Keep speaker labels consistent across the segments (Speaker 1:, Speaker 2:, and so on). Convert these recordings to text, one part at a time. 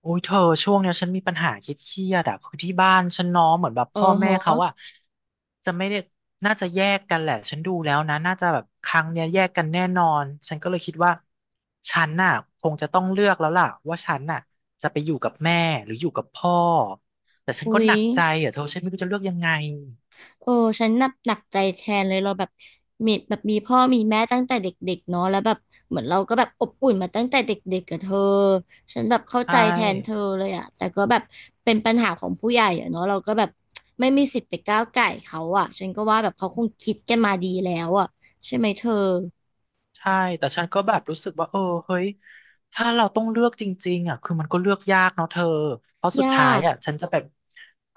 Speaker 1: โอ้ยเธอช่วงเนี้ยฉันมีปัญหาคิดเครียดๆอะคือที่บ้านฉันเน้องเหมือนแบบ
Speaker 2: โออ
Speaker 1: พ่อแม่
Speaker 2: ฮะ
Speaker 1: เขาอะจะไม่ได้น่าจะแยกกันแหละฉันดูแล้วนะน่าจะแบบครั้งเนี้ยแยกกันแน่นอนฉันก็เลยคิดว่าฉันน่ะคงจะต้องเลือกแล้วล่ะว่าฉันน่ะจะไปอยู่กับแม่หรืออยู่กับพ่อแต่ฉันก็
Speaker 2: อุ๊
Speaker 1: ห
Speaker 2: ย
Speaker 1: นักใจอะเธอฉันไม่รู้จะเลือกยังไง
Speaker 2: เออฉันนับหนักใจแทนเลยเราแบบมีพ่อมีแม่ตั้งแต่เด็กๆเนาะแล้วแบบเหมือนเราก็แบบอบอุ่นมาตั้งแต่เด็กๆกับเธอฉันแบบเข้า
Speaker 1: ใช่
Speaker 2: ใจแทนเธอเลยอะแต่ก็แบบเป็นปัญหาของผู้ใหญ่อะเนาะเราก็แบบไม่มีสิทธิ์ไปก้าวก่ายเขาอะฉันก็ว่าแบบเขาคงคิดกันมาดีแล้วอะใช่ไหมเธอ
Speaker 1: ใช่ แต่ฉันก็แบบรู้สึกว่าเออเฮ้ยถ้าเราต้องเลือกจริงๆอ่ะคือมันก็เลือกยากเนาะเธอเพราะสุดท้า
Speaker 2: ยา
Speaker 1: ย
Speaker 2: ก
Speaker 1: อ่ะฉันจะแบบ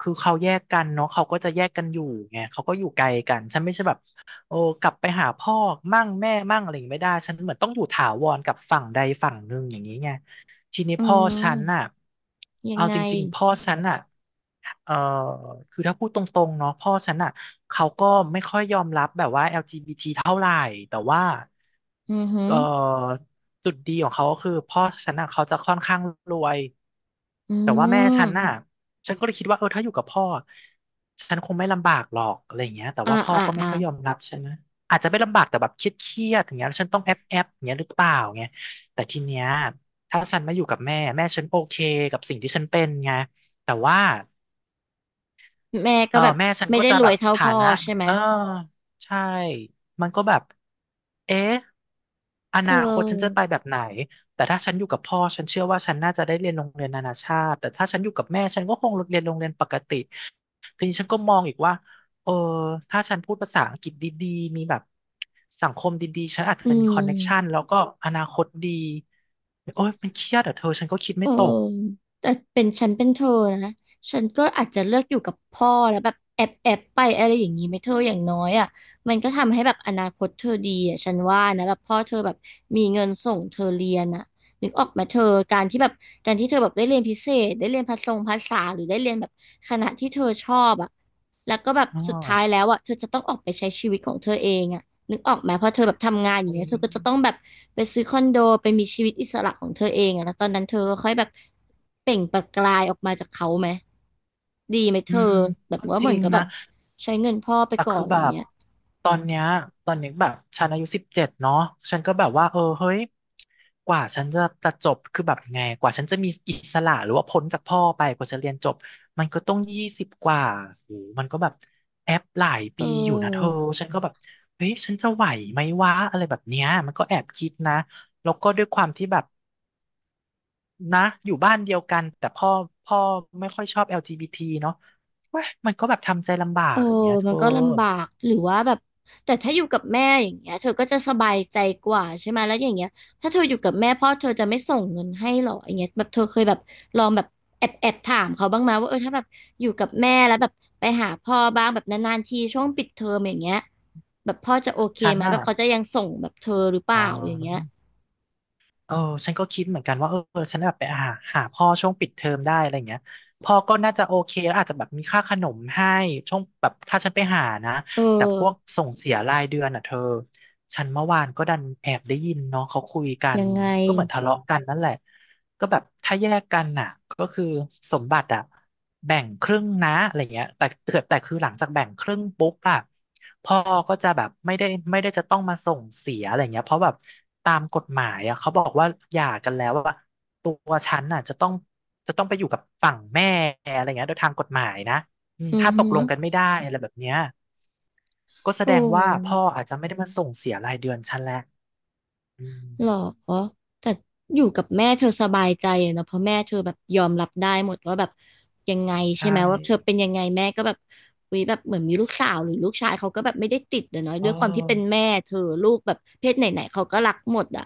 Speaker 1: คือเขาแยกกันเนาะเขาก็จะแยกกันอยู่ไงเขาก็อยู่ไกลกันฉันไม่ใช่แบบโอ้กลับไปหาพ่อมั่งแม่มั่งอะไรอย่างงี้ไม่ได้ฉันเหมือนต้องอยู่ถาวรกับฝั่งใดฝั่งหนึ่งอย่างนี้ไง ทีนี้
Speaker 2: อื
Speaker 1: พ่อฉัน
Speaker 2: ม
Speaker 1: น่ะ
Speaker 2: ยัง
Speaker 1: เอา
Speaker 2: ไง
Speaker 1: จริงๆพ่อฉันน่ะเอ่อคือถ้าพูดตรงๆเนาะพ่อฉันน่ะเขาก็ไม่ค่อยยอมรับแบบว่า LGBT เท่าไหร่แต่ว่า
Speaker 2: อือหือ
Speaker 1: เอ่อจุดดีของเขาก็คือพ่อฉันน่ะเขาจะค่อนข้างรวย
Speaker 2: อื
Speaker 1: แต่ว่าแม่
Speaker 2: ม
Speaker 1: ฉันน่ะฉันก็เลยคิดว่าเออถ้าอยู่กับพ่อฉันคงไม่ลำบากหรอกอะไรอย่างเงี้ยแต่
Speaker 2: อ่า
Speaker 1: ว่าพ่อ
Speaker 2: อ่า
Speaker 1: ก็ไม่
Speaker 2: อ่า
Speaker 1: ค่อยยอมรับฉันนะอาจจะไม่ลำบากแต่แบบเครียดๆอย่างเงี้ยแล้วฉันต้องแอบอย่างเงี้ยหรือเปล่าเงยแต่ทีเนี้ย ถ้าฉันมาอยู่กับแม่ แม่ฉันโอเคกับสิ่งที่ฉันเป็นไงแต่ว่า
Speaker 2: แม่
Speaker 1: เอ
Speaker 2: ก็
Speaker 1: อ
Speaker 2: แบบ
Speaker 1: แม่ฉัน
Speaker 2: ไม่
Speaker 1: ก็
Speaker 2: ได้
Speaker 1: จะ
Speaker 2: ร
Speaker 1: แบ
Speaker 2: วย
Speaker 1: บ
Speaker 2: เท่า
Speaker 1: ฐา
Speaker 2: พ่อ
Speaker 1: นะ
Speaker 2: ใช่ไหม
Speaker 1: เออใช่มันก็แบบเอ๊ะอ
Speaker 2: เ
Speaker 1: นาคตฉันจะไป
Speaker 2: ออ
Speaker 1: แบบไหนแต่ถ้าฉันอยู่กับพ่อฉันเชื่อว่าฉันน่าจะได้เรียนโรงเรียนนานาชาติแต่ถ้าฉันอยู่กับแม่ฉันก็คงเรียนโรงเรียนปกติทีนี้ฉันก็มองอีกว่าเออถ้าฉันพูดภาษาอังกฤษดีๆมีแบบสังคมดีๆฉันอาจ
Speaker 2: อื
Speaker 1: จะมีคอนเน็กชัน
Speaker 2: ม
Speaker 1: แล้วก็อนาคตดีโอ้ยมันเครียดอ่ะเธอฉันก็คิด
Speaker 2: เอ
Speaker 1: ไม่
Speaker 2: อ
Speaker 1: ตก
Speaker 2: แต่เป็นฉันเป็นเธอนะฉันก็อาจจะเลือกอยู่กับพ่อแล้วแบบแอบไปอะไรอย่างนี้ไหมเธออย่างน้อยอ่ะมันก็ทำให้แบบอนาคตเธอดีอ่ะฉันว่านะแบบพ่อเธอแบบมีเงินส่งเธอเรียนอ่ะนึกออกไหมเธอการที่แบบการที่เธอแบบได้เรียนพิเศษได้เรียนภาษาหรือได้เรียนแบบคณะที่เธอชอบอ่ะแล้วก็แบบ
Speaker 1: อ๋อ
Speaker 2: สุดท้ายแล้วอ่ะเธอจะต้องออกไปใช้ชีวิตของเธอเองอ่ะ นึกออกไหมเพราะเธอแบบทำงานอย่าง
Speaker 1: อุ๊ย
Speaker 2: เงี้ยเธอก็จะต้องแบบไปซื้อคอนโดไปมีชีวิตอิสระของเธอเองอะแล้วตอนนั้นเธอก็ค่อยแบบเปล่งประกายออกมาจากเขาไหมดีไหมเธ
Speaker 1: อื
Speaker 2: อ
Speaker 1: ม
Speaker 2: แบบ
Speaker 1: ก็
Speaker 2: ว่า
Speaker 1: จ
Speaker 2: เหมื
Speaker 1: ริ
Speaker 2: อน
Speaker 1: ง
Speaker 2: กับแบ
Speaker 1: นะ
Speaker 2: บใช้เงินพ่อไป
Speaker 1: แต่
Speaker 2: ก่อ
Speaker 1: คือ
Speaker 2: นอ
Speaker 1: แบ
Speaker 2: ย่าง
Speaker 1: บ
Speaker 2: เงี้ย
Speaker 1: ตอนเนี้ยตอนนี้แบบฉันอายุ17เนาะฉันก็แบบว่าเออเฮ้ยกว่าฉันจะจบคือแบบยังไงกว่าฉันจะมีอิสระหรือว่าพ้นจากพ่อไปกว่าจะเรียนจบ มันก็ต้อง20กว่าโอ้โหมันก็แบบแอปหลาย
Speaker 2: เอ
Speaker 1: ปีอยู่นะเธอ
Speaker 2: อ
Speaker 1: ฉันก็แบบเฮ้ยฉันจะไหวไหมวะอะไรแบบเนี้ยมันก็แอบคิดนะแล้วก็ด้วยความที่แบบ นะอยู่บ้านเดียวกันแต่พ่อไม่ค่อยชอบ LGBT เนาะเว้ยมันก็แบบทำใจลำบา
Speaker 2: เอ
Speaker 1: ก
Speaker 2: อ
Speaker 1: อย่างเงี้ยเธ
Speaker 2: มัน
Speaker 1: อ
Speaker 2: ก็ลำบาก หรือว่าแบบแต่ถ้าอยู่กับแม่อย่างเงี้ยเธอก็จะสบายใจกว่าใช่ไหมแล้วอย่างเงี้ยถ้าเธออยู่กับแม่พ่อเธอจะไม่ส่งเงินให้หรออย่างเงี้ยแบบเธอเคยแบบลองแบบแอบถามเขาบ้างไหมว่าเออถ้าแบบอยู่กับแม่แล้วแบบไปหาพ่อบ้างแบบนานๆทีช่วงปิดเทอมอย่างเงี้ยแบบพ่อจะโอเค
Speaker 1: ฉัน
Speaker 2: ไหมแบ
Speaker 1: น่ะ
Speaker 2: บเขาจะยังส่งแบบเธอหรือเป
Speaker 1: อ๋
Speaker 2: ล่าอย่างเงี้ย
Speaker 1: อเออฉันก็คิดเหมือนกันว่าเออฉันแบบไปหาพ่อช่วงปิดเทอมได้อะไรเงี้ยพ่อก็น่าจะโอเคแล้วอาจจะแบบมีค่าขนมให้ช่วงแบบถ้าฉันไปหานะ
Speaker 2: เออ
Speaker 1: แต่พวกส่งเสียรายเดือนอ่ะเธอ ฉันเมื่อวานก็ดันแอบได้ยินเนาะเขาคุยกัน
Speaker 2: ยังไง
Speaker 1: ก็เหมือนทะเลาะกันนั่นแหละก็แบบถ้าแยกกันน่ะก็คือสมบัติอะแบ่งครึ่งนะอะไรเงี้ยแต่คือหลังจากแบ่งครึ่งปุ๊บอะพ่อก็จะแบบไม่ได้จะต้องมาส่งเสียอะไรเงี้ยเพราะแบบตามกฎหมายอะเขาบอกว่าหย่ากันแล้วว่าตัวฉันน่ะจะต้องไปอยู่กับฝั่งแม่อะไรเงี้ยโดยทางกฎหมายนะ อืม
Speaker 2: อื
Speaker 1: ถ้า
Speaker 2: อ
Speaker 1: ต
Speaker 2: ฮึ
Speaker 1: กลงกันไม่ได้อะไรแบบเนี้ยก็แส
Speaker 2: โอ
Speaker 1: ดงว่าพ่
Speaker 2: ้
Speaker 1: ออาจจะไม่ได้มาส่งเสียรายเดือนฉันแหละอืม
Speaker 2: หรอแต่อยู่กับแม่เธอสบายใจอะเนอะเพราะแม่เธอแบบยอมรับได้หมดว่าแบบยังไงใช่
Speaker 1: ใช่
Speaker 2: ไหมว่าเธอเป็นยังไงแม่ก็แบบวิแบบเหมือนมีลูกสาวหรือลูกชายเขาก็แบบไม่ได้ติดอะเนอะ
Speaker 1: เ
Speaker 2: ด้วยความที่เป็น
Speaker 1: ออ
Speaker 2: แม่เธอลูกแบบเพศไหนๆเขาก็รักหมดอ่ะ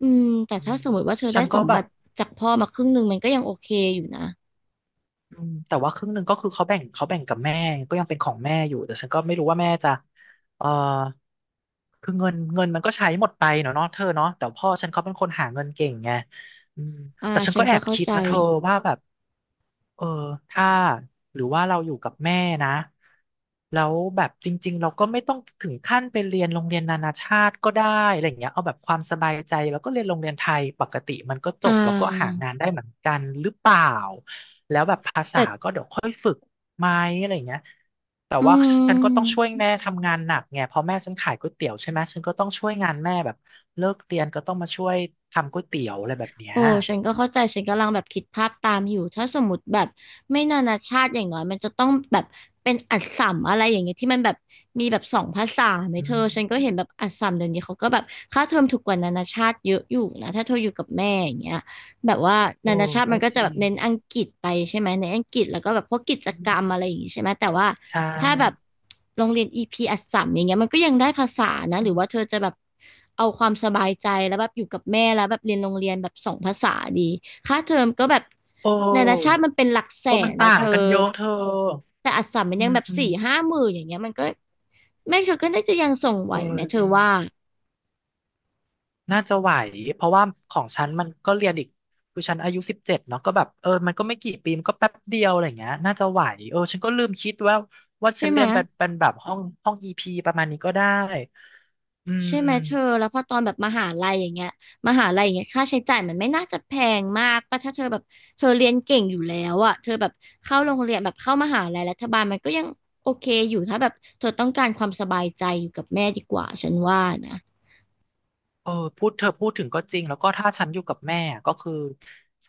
Speaker 2: อืมแต่
Speaker 1: อื
Speaker 2: ถ้า
Speaker 1: ม
Speaker 2: สมมติว่าเธอได้
Speaker 1: ฉัน
Speaker 2: ส
Speaker 1: ก็
Speaker 2: ม
Speaker 1: แบ
Speaker 2: บั
Speaker 1: บ
Speaker 2: ติจากพ่อมาครึ่งหนึ่งมันก็ยังโอเคอยู่นะ
Speaker 1: อืมแต่ว่าครึ่งหนึ่งก็คือเขาแบ่งกับแม่ก็ยังเป็นของแม่อยู่แต่ฉันก็ไม่รู้ว่าแม่จะเออคือเงินมันก็ใช้หมดไปเนาะเธอเนาะแต่พ่อฉันเขาเป็นคนหาเงินเก่งไงอืม
Speaker 2: อ่า
Speaker 1: แต่ฉัน
Speaker 2: ฉั
Speaker 1: ก็
Speaker 2: น
Speaker 1: แอ
Speaker 2: ก็
Speaker 1: บ
Speaker 2: เข้า
Speaker 1: คิด
Speaker 2: ใจ
Speaker 1: นะเธอว่าแบบ เออถ้าหรือว่าเราอยู่กับแม่นะแล้วแบบจริงๆเราก็ไม่ต้องถึงขั้นไปเรียนโรงเรียนนานาชาติก็ได้อะไรอย่างเงี้ยเอาแบบความสบายใจแล้วก็เรียนโรงเรียนไทยปกติมันก็จ
Speaker 2: อ่
Speaker 1: บแล้วก็หา
Speaker 2: า
Speaker 1: งานได้เหมือนกันหรือเปล่าแล้วแบบภาษา
Speaker 2: แต่
Speaker 1: ก็เดี๋ยวค่อยฝึกไหมอะไรอย่างเงี้ยแต่
Speaker 2: อื
Speaker 1: ว่าฉันก็ต้อง
Speaker 2: ม
Speaker 1: ช่วยแม่ทำงานหนักไงเพราะแม่ฉันขายก๋วยเตี๋ยวใช่ไหมฉันก็ต้องช่วยงานแม่แบบเลิกเรียนก็ต้องมาช่วยทำก๋วยเตี๋ยวอะไรแบบเนี้ย
Speaker 2: โอ้ฉันก็เข้าใจฉันกำลังแบบคิดภาพตามอยู่ถ้าสมมติแบบไม่นานาชาติอย่างน้อยมันจะต้องแบบเป็นอัสสัมอะไรอย่างเงี้ยที่มันแบบมีแบบสองภาษาไหม
Speaker 1: อื
Speaker 2: เธอฉันก็
Speaker 1: ม
Speaker 2: เห็นแบบอัสสัมเดี๋ยวนี้เขาก็แบบค่าเทอมถูกกว่านานาชาติเยอะอยู่นะถ้าเธออยู่กับแม่อย่างเงี้ย แบบว่า
Speaker 1: โอ้
Speaker 2: นานาชาติ
Speaker 1: ก็
Speaker 2: มันก็
Speaker 1: จ
Speaker 2: จะ
Speaker 1: ริ
Speaker 2: แบบ
Speaker 1: ง
Speaker 2: เน้นอังกฤษไปใช่ไหมในนอังกฤษแล้วก็แบบพวกกิจ
Speaker 1: อื
Speaker 2: กร
Speaker 1: ม
Speaker 2: รมอะไรอย่างงี้ใช่ไหมแต่ว่า
Speaker 1: ใช่
Speaker 2: ถ้าแบบโรงเรียนอีพีอัสสัมอย่างเงี้ยมันก็ยังได้ภาษานะ
Speaker 1: อื
Speaker 2: หรือว่าเธ
Speaker 1: ม
Speaker 2: อจะแบบเอาความสบายใจแล้วแบบอยู่กับแม่แล้วแบบเรียนโรงเรียนแบบสองภาษาดีค่าเทอมก็แบบ
Speaker 1: โอ
Speaker 2: นานาชา
Speaker 1: ้
Speaker 2: ติมันเป็นหลักแส
Speaker 1: โอ้มัน
Speaker 2: นนะ
Speaker 1: ต่า
Speaker 2: เธ
Speaker 1: ง
Speaker 2: อ
Speaker 1: กันเยอะเธอ
Speaker 2: แต่อัสสัมมัน
Speaker 1: อื
Speaker 2: ยัง
Speaker 1: ม
Speaker 2: แบบ
Speaker 1: อืม
Speaker 2: สี่ห้าหมื่นอย่างเงี้ยมันก็แม่เธอก็น่าจะยังส่งไหว
Speaker 1: เออ
Speaker 2: ไหมเธ
Speaker 1: จ
Speaker 2: อ
Speaker 1: ริง
Speaker 2: ว่า
Speaker 1: น่าจะไหวเพราะว่าของฉันมันก็เรียนอีกคือฉันอายุ17เนาะก็แบบเออมันก็ไม่กี่ปีมันก็แป๊บเดียวอะไรอย่างเงี้ยน่าจะไหวเออฉันก็ลืมคิดว่าว่า
Speaker 2: ใช่
Speaker 1: ฉัน
Speaker 2: ไหม
Speaker 1: เรียนเป็นแบบห้องอีพีประมาณนี้ก็ได้อื
Speaker 2: ใช่ไหม
Speaker 1: ม
Speaker 2: เธอแล้วพอตอนแบบมหาลัยอย่างเงี้ยมหาลัยอย่างเงี้ยค่าใช้จ่ายมันไม่น่าจะแพงมากป่ะถ้าเธอแบบเธอเรียนเก่งอยู่แล้วอ่ะเธอแบบเข้าโรงเรียนแบบเข้ามหาลัยรัฐบาลมันก็ยังโอเคอยู่ถ้าแบบเธอต้องการความสบายใจอยู่กับแม่ดีกว่าฉันว่านะ
Speaker 1: เออพูดเธอพูดถึงก็จริงแล้วก็ถ้าฉันอยู่กับแม่อะก็คือ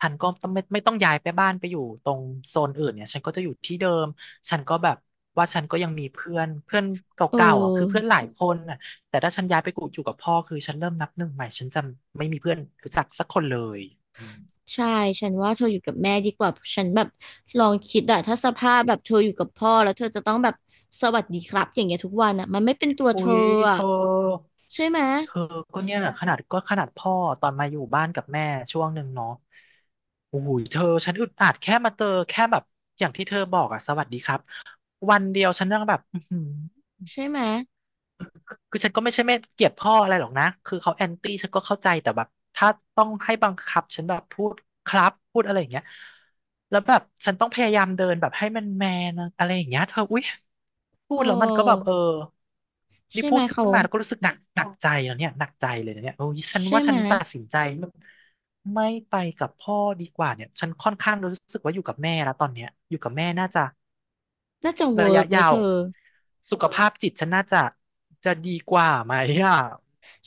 Speaker 1: ฉันก็ต้องไม่ต้องย้ายไปบ้านไปอยู่ตรงโซนอื่นเนี่ยฉันก็จะอยู่ที่เดิมฉันก็แบบว่าฉันก็ยังมีเพื่อนเพื่อนเก
Speaker 2: เออ
Speaker 1: ่าๆอ่ะคือเพื่อนหลายคนน่ะแต่ถ้าฉันย้ายไปกูอยู่กับพ่อคือฉันเริ่มนับหนึ่งใหม่ฉันจะไม่มีเพื่อนรู้จักสักคนเลยอืม
Speaker 2: ใช่ฉันว่าเธออยู่กับแม่ดีกว่าฉันแบบลองคิดอะถ้าสภาพแบบเธออยู่กับพ่อแล้วเธอจะต้องแบบสวัสดีครับอย่างเงี้ยทุกวันอะมันไม่เป็นตัว
Speaker 1: อุ้
Speaker 2: เธอ
Speaker 1: ยเธ
Speaker 2: อะ
Speaker 1: อ
Speaker 2: ใช่ไหม
Speaker 1: เธอก็ขนาดพ่อตอนมาอยู่บ้านกับแม่ช่วงหนึ่งเนาะโอ้โหเธอฉันอึดอัดแค่มาเจอแค่แบบอย่างที่เธอบอกอะสวัสดีครับวันเดียวฉันยังแบบอื้อหือ
Speaker 2: ใช่ไหม
Speaker 1: คือฉันก็ไม่ใช่ไม่เกลียดพ่ออะไรหรอกนะคือเขาแอนตี้ฉันก็เข้าใจแต่แบบถ้าต้องให้บังคับฉันแบบพูดครับพูดอะไรอย่างเงี้ยแล้วแบบฉันต้องพยายามเดินแบบให้มันแมนอะไรอย่างเงี้ยเธออุ๊ยพู
Speaker 2: โอ
Speaker 1: ดแล้วมันก็แบบ
Speaker 2: ้
Speaker 1: เออนี่
Speaker 2: ใช่ไห
Speaker 1: พู
Speaker 2: ม
Speaker 1: ดขึ้น
Speaker 2: เขา
Speaker 1: มาแล้วก็รู้สึกหนักใจแล้วเนี่ยหนักใจเลยนะเนี่ยโอ้ยฉัน
Speaker 2: ใช่
Speaker 1: ว่า
Speaker 2: ไห
Speaker 1: ฉั
Speaker 2: ม
Speaker 1: นตัดสินใจไม่ไปกับพ่อดีกว่าเนี่ยฉันค่อนข้างรู้สึกว่าอยู่กับแม่แล้วตอนเนี้ยอยู่กับแม่น่าจะ
Speaker 2: น่าจะ
Speaker 1: ระ
Speaker 2: เวิร์
Speaker 1: ยะ
Speaker 2: กไหม
Speaker 1: ยา
Speaker 2: เธ
Speaker 1: ว
Speaker 2: อ
Speaker 1: สุขภาพจิตฉันน่าจะจะดีกว่าไหมอ่ะ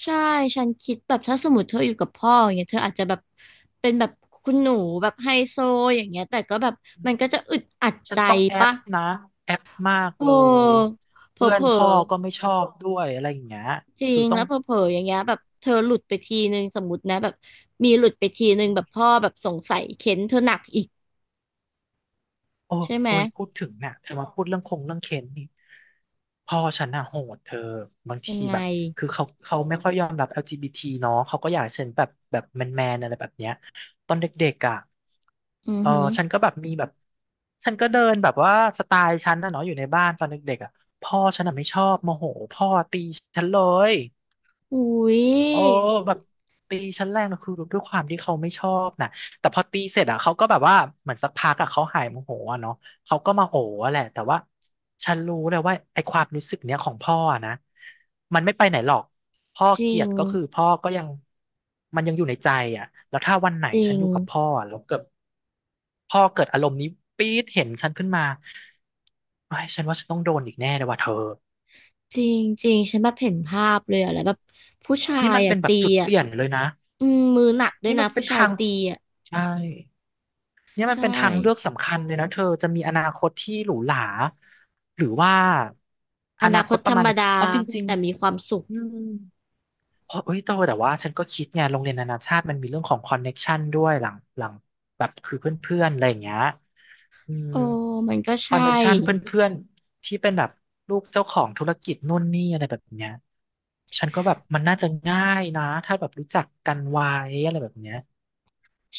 Speaker 2: ใช่ฉันคิดแบบถ้าสมมติเธออยู่กับพ่ออย่างเงี้ยเธออาจจะแบบเป็นแบบคุณหนูแบบไฮโซอย่างเงี้ยแต่ก็แบบมันก็จะอึดอัด
Speaker 1: ฉั
Speaker 2: ใจ
Speaker 1: นต้องแอป
Speaker 2: ปะ
Speaker 1: นะแอปมาก
Speaker 2: โอ
Speaker 1: เลย
Speaker 2: ้เผล
Speaker 1: เพื่
Speaker 2: อ
Speaker 1: อนพ่อก็ไม่ชอบด้วยอะไรอย่างเงี้ย
Speaker 2: จริ
Speaker 1: คือ
Speaker 2: ง
Speaker 1: ต้อ
Speaker 2: แล้
Speaker 1: ง
Speaker 2: วเผลออย่างเงี้ยแบบเธอหลุดไปทีนึงสมมตินะแบบมีหลุดไปทีนึงแบบพ่อแบบสงสัยเค้นเธอหนักอีก
Speaker 1: โอ้
Speaker 2: ใช่ไหม
Speaker 1: โอ้ยพูดถึงเนี่ยเธอมาพูดเรื่องคงเรื่องเค้นนี่พ่อฉันอะโหดเธอบาง
Speaker 2: ยั
Speaker 1: ที
Speaker 2: งไง
Speaker 1: แบบคือเขาไม่ค่อยยอมรับ LGBT เนาะเขาก็อยากให้ฉันแบบแมนอะไรแบบเนี้ยตอนเด็กๆอะ
Speaker 2: อือ
Speaker 1: เออ
Speaker 2: หือ
Speaker 1: ฉันก็แบบมีแบบฉันก็เดินแบบว่าสไตล์ฉันนะเนาะอยู่ในบ้านตอนเด็กๆอะพ่อฉันอะไม่ชอบโมโหพ่อตีฉันเลย
Speaker 2: อุ้ย
Speaker 1: โอ้แบบตีชั้นแรกนะคือด้วยความที่เขาไม่ชอบนะแต่พอตีเสร็จอ่ะเขาก็แบบว่าเหมือนสักพักอ่ะเขาหายโมโหอ่ะเนาะเขาก็มาโหอะแหละแต่ว่าฉันรู้เลยว่าไอ้ความรู้สึกเนี้ยของพ่ออะนะมันไม่ไปไหนหรอกพ่อ
Speaker 2: จ
Speaker 1: เก
Speaker 2: ริ
Speaker 1: ลีย
Speaker 2: ง
Speaker 1: ดก็คือพ่อก็ยังมันยังอยู่ในใจอ่ะแล้วถ้าวันไหน
Speaker 2: จริ
Speaker 1: ฉัน
Speaker 2: ง
Speaker 1: อยู่กับพ่ออะแล้วเกิดพ่อเกิดอารมณ์นี้ปี๊ดเห็นฉันขึ้นมาไอ้ยฉันว่าฉันต้องโดนอีกแน่เลยว่ะเธอ
Speaker 2: จริงจริงฉันแบบเห็นภาพเลยอะแล้วแบบผู้ชา
Speaker 1: นี่
Speaker 2: ย
Speaker 1: มันเป็
Speaker 2: อะ
Speaker 1: นแบ
Speaker 2: ตี
Speaker 1: บจุดเป
Speaker 2: อะ
Speaker 1: ลี่ยนเลยนะ
Speaker 2: อืมมือหนักด้วย
Speaker 1: นี่
Speaker 2: นะ
Speaker 1: มันเป็
Speaker 2: ผู้
Speaker 1: น
Speaker 2: ชาย
Speaker 1: ทาง
Speaker 2: ตีอะ
Speaker 1: ใช่ เนี่ยมัน
Speaker 2: ใช่
Speaker 1: เป็นทางเลือกสำคัญเลยนะเธอจะมีอนาคตที่หรูหราหรือว่า
Speaker 2: อ
Speaker 1: อ
Speaker 2: นา
Speaker 1: นา
Speaker 2: ค
Speaker 1: ค
Speaker 2: ต
Speaker 1: ตป
Speaker 2: ธ
Speaker 1: ระ
Speaker 2: ร
Speaker 1: มา
Speaker 2: ร
Speaker 1: ณ
Speaker 2: ม
Speaker 1: หนึ่ง
Speaker 2: ดา
Speaker 1: เพราะจริง
Speaker 2: แต่มีความสุข
Speaker 1: ๆอืมเพราะเอ้ยโตแต่ว่าฉันก็คิดไงโรงเรียนนานาชาติมันมีเรื่องของคอนเน็กชันด้วยหลังแบบคือเพื่อนๆอะไรอย่างเงี้ยอืม
Speaker 2: โอ้มันก็
Speaker 1: คอน
Speaker 2: ใช่
Speaker 1: เน็กชันเพื่อนๆที่เป็นแบบลูกเจ้าของธุรกิจนู่นนี่อะไรแบบเนี้ยฉันก็แบบมันน่าจะง่ายนะถ้าแบบรู้จักกันไว้อะไรแบบเนี้ย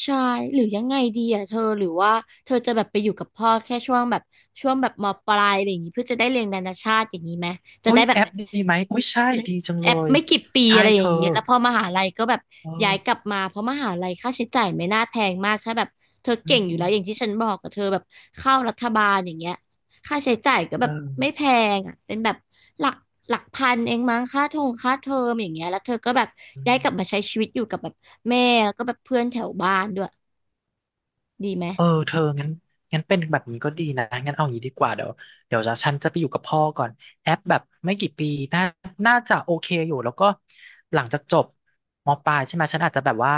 Speaker 2: ใช่หรือยังไงดีอะเธอหรือว่าเธอจะแบบไปอยู่กับพ่อแค่ช่วงแบบมปลายอะไรอย่างงี้เพื่อจะได้เรียนนานาชาติอย่างนี้ไหมจะ
Speaker 1: อุ๊
Speaker 2: ได้
Speaker 1: ย
Speaker 2: แบ
Speaker 1: แอ
Speaker 2: บ
Speaker 1: ปดีไหมอุ๊ยใช่ดีจัง
Speaker 2: แอ
Speaker 1: เล
Speaker 2: ป
Speaker 1: ย
Speaker 2: ไม่กี่ปี
Speaker 1: ใช่
Speaker 2: อะไรอ
Speaker 1: เธ
Speaker 2: ย่า
Speaker 1: อ
Speaker 2: งนี้แล้วพอมหาลัยก็แบบ
Speaker 1: เอ
Speaker 2: ย้ายก
Speaker 1: อ
Speaker 2: ลับมาเพราะมหาลัยค่าใช้จ่ายไม่น่าแพงมากถ้าแบบเธอ
Speaker 1: อื
Speaker 2: เก่งอยู่แล้วอย่างที่
Speaker 1: ม
Speaker 2: ฉันบอกกับเธอแบบเข้ารัฐบาลอย่างเงี้ยค่าใช้จ่ายก็แบ
Speaker 1: เอ
Speaker 2: บไม่แพ
Speaker 1: อ
Speaker 2: งอ่ะเป็นแบบหลักพันเองมั้งค่าทงค่าเทอมอย่างเงี้ยแล้วเธอก็แบบ
Speaker 1: อื
Speaker 2: ย้า
Speaker 1: ม
Speaker 2: ยกลับมาใช้ชีวิตอยู่กับแบบแม่แล้วก็แบบเพื่อนแถวบ้านด้วยดีไหม
Speaker 1: เออเธองั้นงั้นเป็นแบบนี้ก็ดีนะงั้นเอาอย่างนี้ดีกว่าเดี๋ยวจะฉันจะไปอยู่กับพ่อก่อนแอปแบบไม่กี่ปีน่าน่าจะโอเคอยู่แล้วก็หลังจากจบมปลายใช่ไหมฉันอาจจะแบบว่า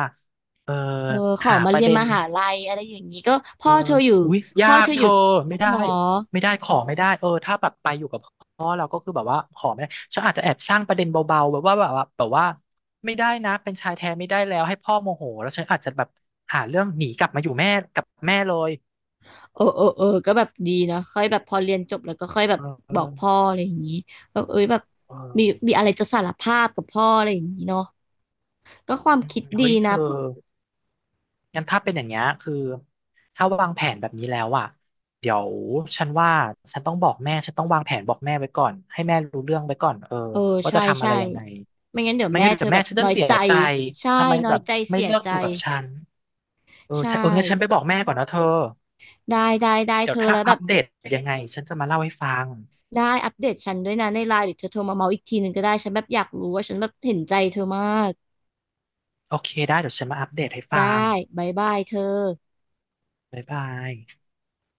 Speaker 1: เออ
Speaker 2: เออขอ
Speaker 1: หา
Speaker 2: มา
Speaker 1: ประ
Speaker 2: เรียน
Speaker 1: เด็
Speaker 2: ม
Speaker 1: น
Speaker 2: หาลัยอะไรอย่างนี้ก็
Speaker 1: เอ
Speaker 2: พ่อ
Speaker 1: อ
Speaker 2: เธออยู่
Speaker 1: อุ๊ยยา
Speaker 2: พ่อเธ
Speaker 1: ก
Speaker 2: อ
Speaker 1: เธ
Speaker 2: อยู่
Speaker 1: อไม่ได้
Speaker 2: หรอ
Speaker 1: ไม่ได้ขอไม่ได้เออถ้าแบบไปอยู่กับพ่อเราก็คือแบบว่าขอไม่ได้ฉันอาจจะแอบสร้างประเด็นเบาๆแบบว่าไม่ได้นะเป็นชายแท้ไม่ได้แล้วให้พ่อโมโหแล้วฉันอาจจะแบบหาเรื่องหนีกลับมาอยู่แม่กับแม่เลย
Speaker 2: เออเออเออก็แบบดีนะค่อยแบบพอเรียนจบแล้วก็ค่อยแบบ
Speaker 1: เ
Speaker 2: บอก
Speaker 1: ออ
Speaker 2: พ่ออะไรอย่างนี้แบบเอ้ยแบบ
Speaker 1: เออ
Speaker 2: มีอะไรจะสารภาพกับพ่ออะไรอย่างนี้เนาะก็ความ
Speaker 1: อืม
Speaker 2: คิด
Speaker 1: เฮ้
Speaker 2: ดี
Speaker 1: ยเธ
Speaker 2: นะ
Speaker 1: องั้นถ้าเป็นอย่างเงี้ยคือถ้าวางแผนแบบนี้แล้วอ่ะเดี๋ยวฉันว่าฉันต้องบอกแม่ฉันต้องวางแผนบอกแม่ไว้ก่อนให้แม่รู้เรื่องไว้ก่อนเออ
Speaker 2: เออ
Speaker 1: ว่า
Speaker 2: ใช่
Speaker 1: จะทำอะไรยังไง
Speaker 2: ไม่งั้นเดี๋ยว
Speaker 1: ไม่
Speaker 2: แม่
Speaker 1: งั้น
Speaker 2: เธ
Speaker 1: เดี๋
Speaker 2: อ
Speaker 1: ยว
Speaker 2: แบ
Speaker 1: แม่
Speaker 2: บ
Speaker 1: ฉันจะ
Speaker 2: น้อย
Speaker 1: เสีย
Speaker 2: ใจ
Speaker 1: ใจ
Speaker 2: ใช่
Speaker 1: ทำไม
Speaker 2: น้อ
Speaker 1: แบ
Speaker 2: ย
Speaker 1: บ
Speaker 2: ใจ
Speaker 1: ไม่
Speaker 2: เสีย
Speaker 1: เลือก
Speaker 2: ใจ
Speaker 1: อยู่กับฉันเออ
Speaker 2: ใช่
Speaker 1: ฉันเอองั้นฉันไปบอกแม่ก่อนนะเธอ
Speaker 2: ได้
Speaker 1: เดี๋ย
Speaker 2: เธ
Speaker 1: ว
Speaker 2: อ
Speaker 1: ถ้า
Speaker 2: แล้วแบ
Speaker 1: อัป
Speaker 2: บ
Speaker 1: เดตยังไงฉันจะมาเล่าให้ฟัง
Speaker 2: ได้อัปเดตฉันด้วยนะในไลน์หรือเธอโทรมาเมาอีกทีหนึ่งก็ได้ฉันแบบอยากรู้ว่าฉันแบบเห็นใจเธอมาก
Speaker 1: โอเคได้เดี๋ยวฉันมาอัปเดตให้ฟั
Speaker 2: ได้
Speaker 1: ง
Speaker 2: บายบายเธอ
Speaker 1: บ๊ายบาย